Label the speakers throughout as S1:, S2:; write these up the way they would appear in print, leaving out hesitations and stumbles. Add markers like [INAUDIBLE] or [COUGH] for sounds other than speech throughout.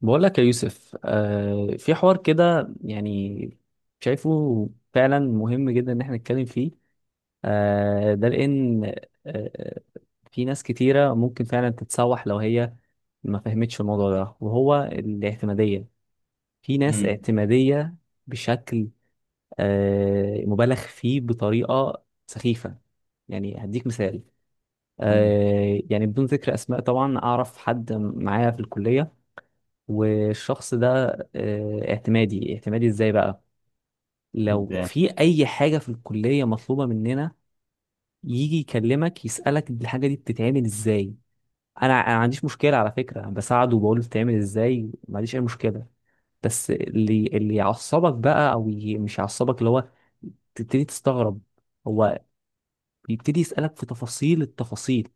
S1: بقول لك يا يوسف في حوار كده يعني. شايفه فعلا مهم جدا ان احنا نتكلم فيه. ده لان. آه. في ناس كتيرة ممكن فعلا تتسوح لو هي ما فهمتش الموضوع ده، وهو الاعتمادية. في ناس
S2: امم.
S1: اعتمادية بشكل مبالغ فيه بطريقة سخيفة. يعني هديك مثال. يعني بدون ذكر اسماء طبعا، اعرف حد معايا في الكلية. والشخص ده اعتمادي اعتمادي ازاي بقى؟ لو
S2: ازاي؟
S1: في اي حاجة في الكلية مطلوبة مننا، يجي يكلمك يسألك الحاجة دي بتتعمل ازاي. انا ما عنديش مشكلة على فكرة، بساعده وبقول له بتتعمل ازاي، ما عنديش اي مشكلة. بس اللي يعصبك بقى، مش يعصبك، اللي هو تبتدي تستغرب. هو بيبتدي يسألك في تفاصيل التفاصيل.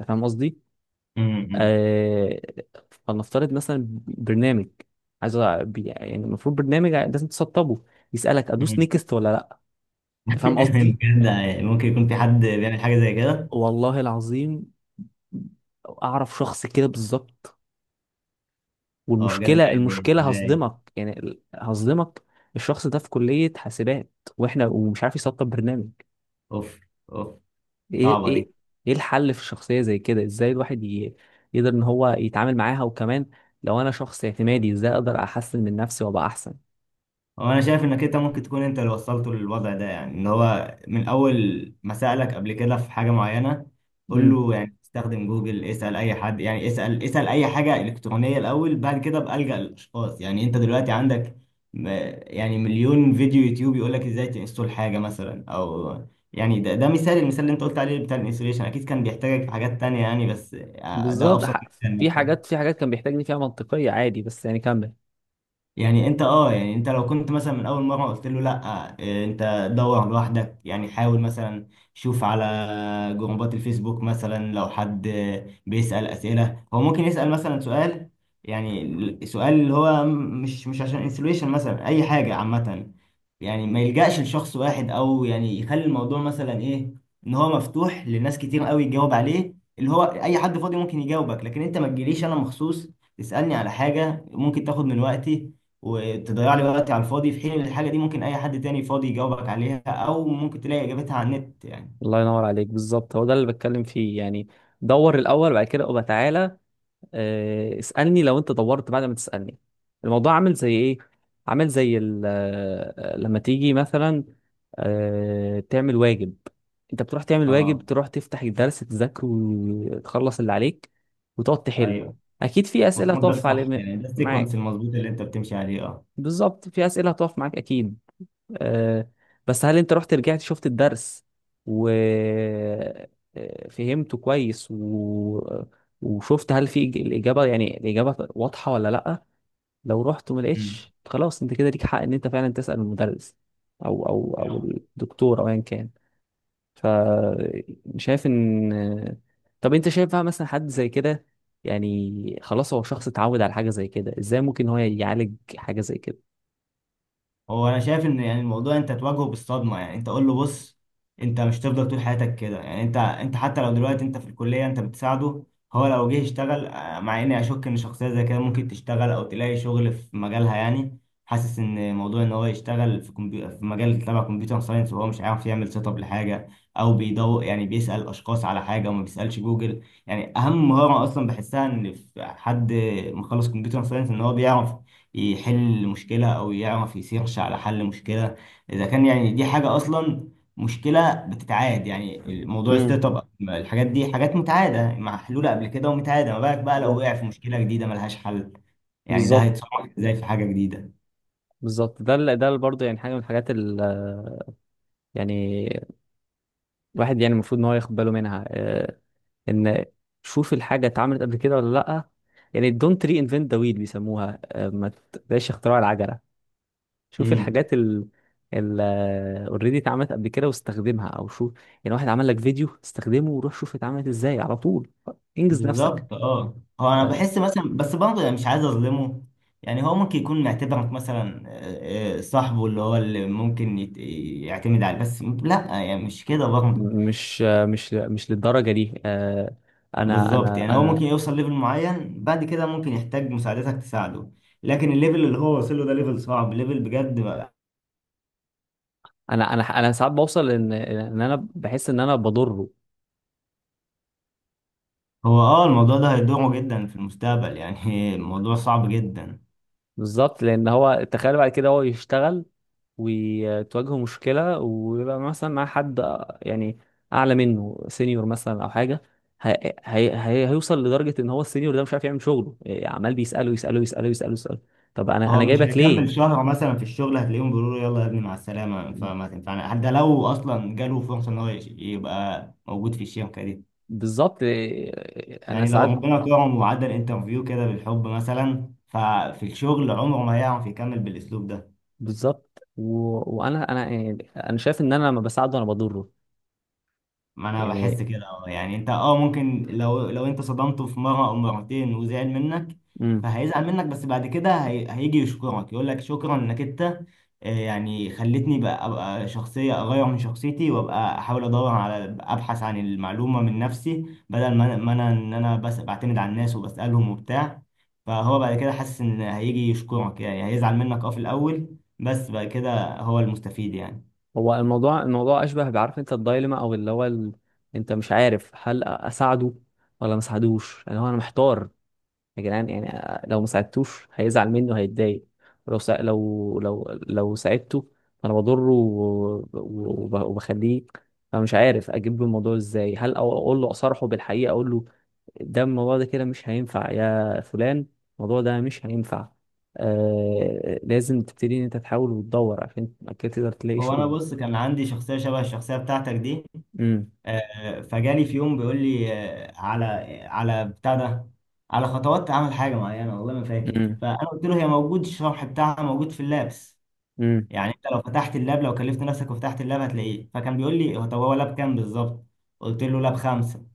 S1: انت فاهم قصدي؟
S2: امم.
S1: آه، فلنفترض مثلا برنامج. عايز يعني المفروض برنامج لازم تسطبه. يسألك ادوس
S2: امم.
S1: نيكست ولا لا. انت
S2: [LAUGHS]
S1: فاهم قصدي؟
S2: بجد، يعني ممكن يكون في حد بيعمل حاجه زي كده؟
S1: والله العظيم، اعرف شخص كده بالظبط.
S2: اه بجد،
S1: والمشكله
S2: يعني
S1: المشكله
S2: ازاي؟
S1: هصدمك، يعني هصدمك. الشخص ده في كليه حاسبات، واحنا ومش عارف يسطب برنامج.
S2: اوف. اوف.
S1: ايه
S2: صعبه دي.
S1: ايه. ايه الحل في الشخصيه زي كده؟ ازاي الواحد يقدر ان هو يتعامل معاها، وكمان لو انا شخص اعتمادي، ازاي اقدر احسن من نفسي وابقى احسن؟
S2: هو انا شايف انك انت ممكن تكون انت اللي وصلته للوضع ده، يعني ان هو من اول ما سالك قبل كده في حاجه معينه قول له يعني استخدم جوجل، اسال اي حد، يعني اسال اي حاجه الكترونيه الاول، بعد كده بقى الجا للاشخاص. يعني انت دلوقتي عندك م- يعني مليون فيديو يوتيوب يقول لك ازاي تنستول حاجه مثلا، او يعني ده مثال، المثال اللي انت قلت عليه بتاع الانستليشن اكيد كان بيحتاجك في حاجات تانية يعني، بس ده
S1: بالظبط.
S2: ابسط مثال
S1: في حاجات
S2: مثلا.
S1: في حاجات كان بيحتاجني فيها منطقية عادي، بس يعني كمل.
S2: يعني انت اه، يعني انت لو كنت مثلا من اول مره قلت له لا، اه، انت دور لوحدك، يعني حاول مثلا، شوف على جروبات الفيسبوك مثلا، لو حد بيسال اسئله هو ممكن يسال مثلا سؤال، يعني سؤال اللي هو مش عشان انسلويشن، مثلا اي حاجه عامه، يعني ما يلجاش لشخص واحد، او يعني يخلي الموضوع مثلا ايه، ان هو مفتوح لناس كتير قوي يجاوب عليه، اللي هو اي حد فاضي ممكن يجاوبك، لكن انت ما تجيليش انا مخصوص تسالني على حاجه ممكن تاخد من وقتي، وتضيع لي وقتي على الفاضي، في حين إن الحاجة دي ممكن أي حد تاني فاضي يجاوبك عليها، أو ممكن تلاقي إجابتها على النت يعني.
S1: الله ينور عليك، بالظبط هو ده اللي بتكلم فيه يعني. دور الأول، بعد كده ابقى تعالى. اسألني لو أنت دورت بعد ما تسألني. الموضوع عامل زي إيه؟ عامل زي لما تيجي مثلا. تعمل واجب. أنت بتروح تعمل واجب،
S2: اه.
S1: تروح تفتح الدرس تذاكره وتخلص اللي عليك، وتقعد تحل.
S2: أيوه.
S1: أكيد في أسئلة
S2: المفروض ده
S1: هتقف
S2: صح،
S1: على
S2: يعني ده السيكونس
S1: معاك،
S2: المظبوط اللي أنت بتمشي عليه، اه.
S1: بالظبط في أسئلة هتقف معاك أكيد. آه، بس هل انت رحت رجعت شفت الدرس و فهمته كويس وشفت هل في الإجابة، يعني الإجابة واضحة ولا لأ؟ لو رحت وما لقيتش، خلاص انت كده ليك حق ان انت فعلا تسأل المدرس او
S2: مم.
S1: الدكتور او ايا كان. ف شايف ان طب انت شايف بقى مثلا حد زي كده؟ يعني خلاص هو شخص اتعود على حاجة زي كده، ازاي ممكن هو يعالج حاجة زي كده؟
S2: هو انا شايف ان يعني الموضوع انت تواجهه بالصدمه، يعني انت قول له: بص، انت مش هتفضل طول حياتك كده، يعني انت حتى لو دلوقتي انت في الكليه انت بتساعده، هو لو جه يشتغل مع اني اشك ان شخصيه زي كده ممكن تشتغل او تلاقي شغل في مجالها يعني. حاسس ان موضوع ان هو يشتغل في في مجال تبع كمبيوتر ساينس وهو مش عارف يعمل سيت اب لحاجه، او بيدور يعني بيسال اشخاص على حاجه وما بيسالش جوجل. يعني اهم مهاره اصلا بحسها ان في حد مخلص كمبيوتر ساينس ان هو بيعرف يحل مشكلة، أو يعرف يسيرش على حل مشكلة، إذا كان يعني دي حاجة أصلا مشكلة بتتعاد، يعني موضوع
S1: امم.
S2: الستارت اب، الحاجات دي حاجات متعادة محلولة قبل كده ومتعادة، ما بالك بقى لو
S1: بالظبط،
S2: وقع في مشكلة جديدة ملهاش حل، يعني ده
S1: بالظبط،
S2: هيتصرف ازاي في حاجة جديدة.
S1: بالظبط. برضه يعني حاجه من الحاجات يعني الواحد، يعني المفروض ان هو ياخد باله منها ان شوف الحاجه اتعملت قبل كده ولا لا. يعني دونت ري انفنت ذا ويل، بيسموها ما تبقاش اختراع العجله. شوف
S2: امم.
S1: الحاجات ال اوريدي اتعملت قبل كده واستخدمها او شوف، يعني واحد عمل لك فيديو استخدمه وروح شوف اتعملت ازاي على طول. انجز نفسك.
S2: بالظبط. اه هو انا
S1: آه،
S2: بحس مثلا، بس برضه يعني مش عايز اظلمه، يعني هو ممكن يكون معتبرك مثلا صاحبه، اللي هو اللي ممكن يعتمد عليه، بس لا يعني مش كده برضه.
S1: مش للدرجه دي انا
S2: بالظبط،
S1: انا
S2: يعني هو ممكن
S1: انا
S2: يوصل ليفل معين، بعد كده ممكن يحتاج مساعدتك تساعده، لكن الليفل اللي هو وصل له ده ليفل صعب، ليفل بجد بقى.
S1: انا ساعات بوصل ان انا بحس ان انا بضره.
S2: هو الموضوع ده هيضره جدا في المستقبل يعني. [LAUGHS] الموضوع صعب جدا.
S1: بالظبط، لان هو تخيل بعد كده هو يشتغل، وتواجهه مشكله ويبقى مثلا مع حد يعني اعلى منه، سينيور مثلا او حاجه. هي هي هي هيوصل لدرجه ان هو السينيور ده مش عارف يعمل شغله إيه، عمال بيساله يساله يساله يساله يساله. طب انا
S2: هو
S1: انا
S2: مش
S1: جايبك
S2: هيكمل
S1: ليه؟
S2: شهر مثلا في الشغل، هتلاقيهم بيقولوا له: يلا يا ابني مع السلامة، فما تنفعنا، حتى لو اصلا جاله فرصة ان هو يبقى موجود في الشركة دي،
S1: بالظبط انا
S2: يعني لو
S1: ساعات.
S2: ربنا كرمه وعدى الانترفيو كده بالحب مثلا، ففي الشغل عمره ما هيعرف يكمل بالاسلوب ده.
S1: بالظبط وانا يعني انا شايف ان انا لما بساعده انا بضره
S2: ما انا بحس
S1: يعني.
S2: كده اه، يعني انت اه، ممكن لو انت صدمته في مره او مرتين وزعل منك،
S1: إمم.
S2: فهيزعل منك، بس بعد كده هيجي يشكرك، يقول لك شكرا انك انت، يعني خلتني بقى ابقى شخصيه اغير من شخصيتي، وابقى احاول ادور على، ابحث عن المعلومه من نفسي، بدل ما انا بس بعتمد على الناس وبسالهم وبتاع، فهو بعد كده حاسس ان هيجي يشكرك، يعني هيزعل منك في الاول، بس بعد كده هو المستفيد يعني.
S1: هو الموضوع اشبه، بعرف انت الدايلما، او اللي هو انت مش عارف هل اساعده ولا ما اساعدوش، اللي هو انا محتار يا جدعان يعني. لو ما ساعدتوش هيزعل مني وهيتضايق. لو ساعدته، فانا بضره وبخليه. فمش عارف اجيب له الموضوع ازاي، هل اقول له، اصارحه بالحقيقه، اقول له ده الموضوع ده كده مش هينفع يا فلان، الموضوع ده مش هينفع. لازم تبتدي ان انت تحاول وتدور عشان بعد كده تقدر تلاقي
S2: هو انا
S1: شغل.
S2: بص كان عندي شخصيه شبه الشخصيه بتاعتك دي، فجالي في يوم بيقول لي على بتاع ده، على خطوات تعمل حاجه معينه، والله ما فاكر،
S1: امم،
S2: فانا قلت له: هي موجود، الشرح بتاعها موجود في اللابس،
S1: امم.
S2: يعني انت لو فتحت اللاب، لو كلفت نفسك وفتحت اللاب هتلاقيه. فكان بيقول لي هو: طب هو لاب كام بالظبط؟ قلت له: لاب 5.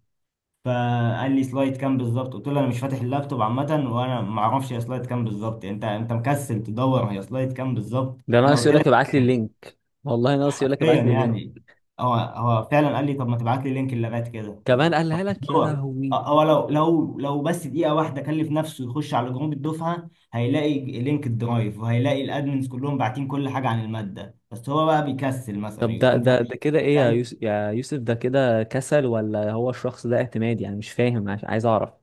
S2: فقال لي: سلايد كام بالظبط؟ قلت له: انا مش فاتح اللابتوب عامه وانا ما اعرفش هي سلايد كام بالظبط، انت مكسل تدور هي سلايد كام بالظبط.
S1: ده
S2: انا
S1: ناقص
S2: قلت
S1: يقول لك
S2: لك
S1: ابعت لي اللينك. والله ناقص يقول لك
S2: حرفيا
S1: ابعت لي اللينك.
S2: يعني. هو فعلا قال لي: طب ما تبعت لي لينك اللغات كده؟ طب
S1: كمان قالها
S2: طب
S1: لك يا
S2: هو،
S1: لهوي!
S2: هو لو بس دقيقة واحدة كلف نفسه يخش على جروب الدفعة هيلاقي لينك الدرايف، وهيلاقي الادمنز كلهم باعتين كل حاجة عن المادة، بس هو بقى بيكسل مثلا
S1: طب ده
S2: يكون
S1: ده
S2: فاتح.
S1: ده كده ايه يا
S2: بتاعي
S1: يوسف يا يوسف، ده كده كسل ولا هو الشخص ده اعتمادي؟ يعني مش فاهم، عايز اعرف.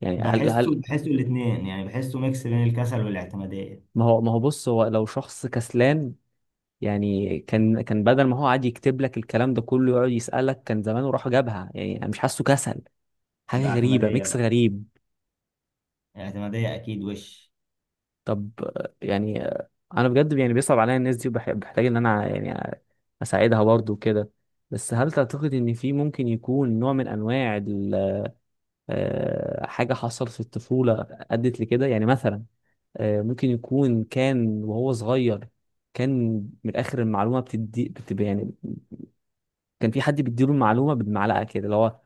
S1: يعني هل هل
S2: بحسه الاثنين، يعني بحسه ميكس بين الكسل والاعتمادية،
S1: ما هو بص، هو لو شخص كسلان. يعني كان بدل ما هو قاعد يكتب لك الكلام ده كله يقعد يسألك، كان زمانه راح جابها. يعني انا مش حاسه كسل،
S2: يبقى
S1: حاجة غريبة،
S2: اعتمادية
S1: ميكس
S2: بقى.
S1: غريب.
S2: اعتمادية اكيد وش.
S1: طب يعني انا بجد يعني بيصعب عليا الناس دي، وبحتاج ان انا يعني اساعدها برضو كده. بس هل تعتقد ان في ممكن يكون نوع من انواع حاجة حصلت في الطفولة ادت لكده، يعني مثلا ممكن يكون كان وهو صغير، كان من الاخر المعلومة بتدي بتبقى يعني، كان في حد بيديله المعلومة بالمعلقة كده، اللي هو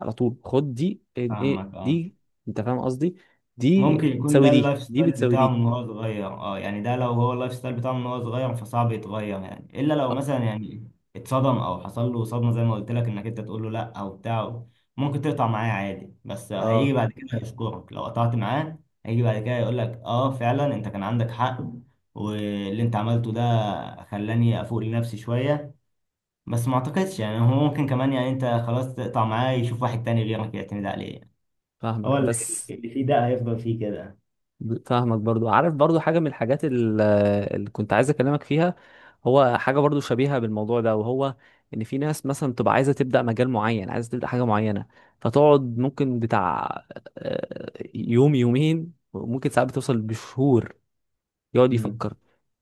S1: على طول خد دي، ايه إيه،
S2: فاهمك اه.
S1: دي. انت فاهم قصدي؟ دي
S2: ممكن يكون
S1: بتساوي
S2: ده
S1: دي،
S2: اللايف
S1: دي
S2: ستايل
S1: بتساوي
S2: بتاعه
S1: دي.
S2: من وهو صغير، اه يعني ده لو هو اللايف ستايل بتاعه من وهو صغير فصعب يتغير، يعني الا لو
S1: اه
S2: مثلا يعني اتصدم او حصل له صدمه، زي ما قلت لك انك انت تقول له لا او بتاع، ممكن تقطع معاه عادي، بس هيجي
S1: آه.
S2: بعد كده يشكرك لو قطعت معاه، هيجي بعد كده يقول لك اه فعلا انت كان عندك حق، واللي انت عملته ده خلاني افوق لنفسي شويه. بس ما اعتقدش يعني، هو ممكن كمان يعني انت خلاص تقطع معاه يشوف واحد تاني غيرك يعتمد عليه، هو
S1: فاهمك
S2: اللي
S1: بس،
S2: اللي فيه ده هيفضل فيه كده.
S1: فاهمك برضو، عارف برضو حاجة من الحاجات اللي كنت عايز أكلمك فيها. هو حاجة برضو شبيهة بالموضوع ده، وهو إن في ناس مثلا تبقى عايزة تبدأ مجال معين، عايزة تبدأ حاجة معينة، فتقعد ممكن بتاع يوم يومين، وممكن ساعات بتوصل بشهور. يقعد
S2: مم.
S1: يفكر: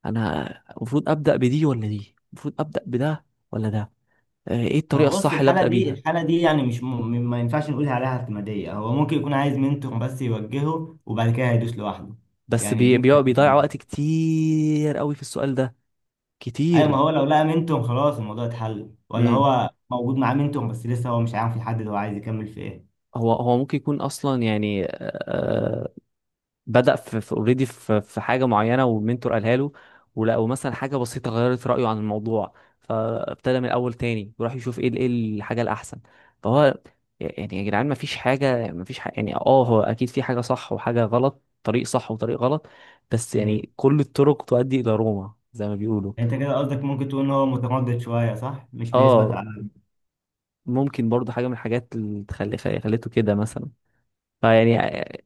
S1: أنا المفروض أبدأ بدي ولا دي؟ المفروض أبدأ بده ولا ده؟ إيه الطريقة
S2: هو بص،
S1: الصح اللي
S2: الحالة
S1: أبدأ
S2: دي
S1: بيها؟
S2: الحالة دي يعني مش ما ينفعش نقول عليها اعتمادية، هو ممكن يكون عايز منتور بس يوجهه، وبعد كده هيدوس لوحده،
S1: بس
S2: يعني دي مش
S1: بيضيع وقت
S2: اعتمادية.
S1: كتير قوي في السؤال ده،
S2: أيوة، ما
S1: كتير.
S2: هو لو لقى منتور خلاص الموضوع اتحل، ولا
S1: إمم.
S2: هو موجود معاه منتور بس لسه هو مش عارف يحدد هو عايز يكمل في إيه.
S1: هو ممكن يكون اصلا يعني بدأ في اوريدي، في, already في حاجه معينه، والمنتور قالها له، ولا ومثلا حاجه بسيطه غيرت رايه عن الموضوع، فابتدى من الاول تاني وراح يشوف ايه ايه الحاجه الاحسن. فهو يعني، يا جدعان ما فيش حاجه ما فيش حاجة، يعني هو اكيد في حاجه صح وحاجه غلط، طريق صح وطريق غلط، بس
S2: امم.
S1: يعني كل الطرق تؤدي الى روما زي ما بيقولوا.
S2: أنت كده قصدك ممكن تقول إن هو متردد شوية، صح؟ مش بيثبت
S1: اه
S2: على.
S1: ممكن برضه حاجه من الحاجات اللي تخلي خليته كده مثلا، فيعني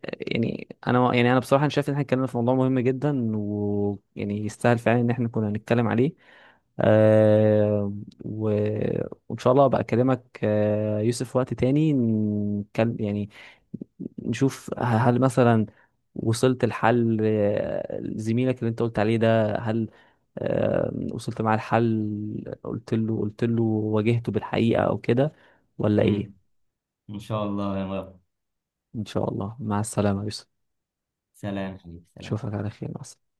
S1: يعني انا، يعني انا بصراحه، أنا شايف ان احنا اتكلمنا في موضوع مهم جدا، ويعني يستاهل فعلا ان احنا كنا نتكلم عليه. آه. و... وان شاء الله ابقى اكلمك يوسف في وقت تاني نتكلم يعني، نشوف هل مثلا وصلت لحل زميلك اللي انت قلت عليه ده، هل وصلت معاه الحل؟ قلت له واجهته بالحقيقه او كده، ولا
S2: امم.
S1: ايه؟
S2: إن شاء الله يا رب.
S1: ان شاء الله، مع السلامه يا يوسف،
S2: سلام حبيبي، سلام.
S1: اشوفك على خير، مع السلامه.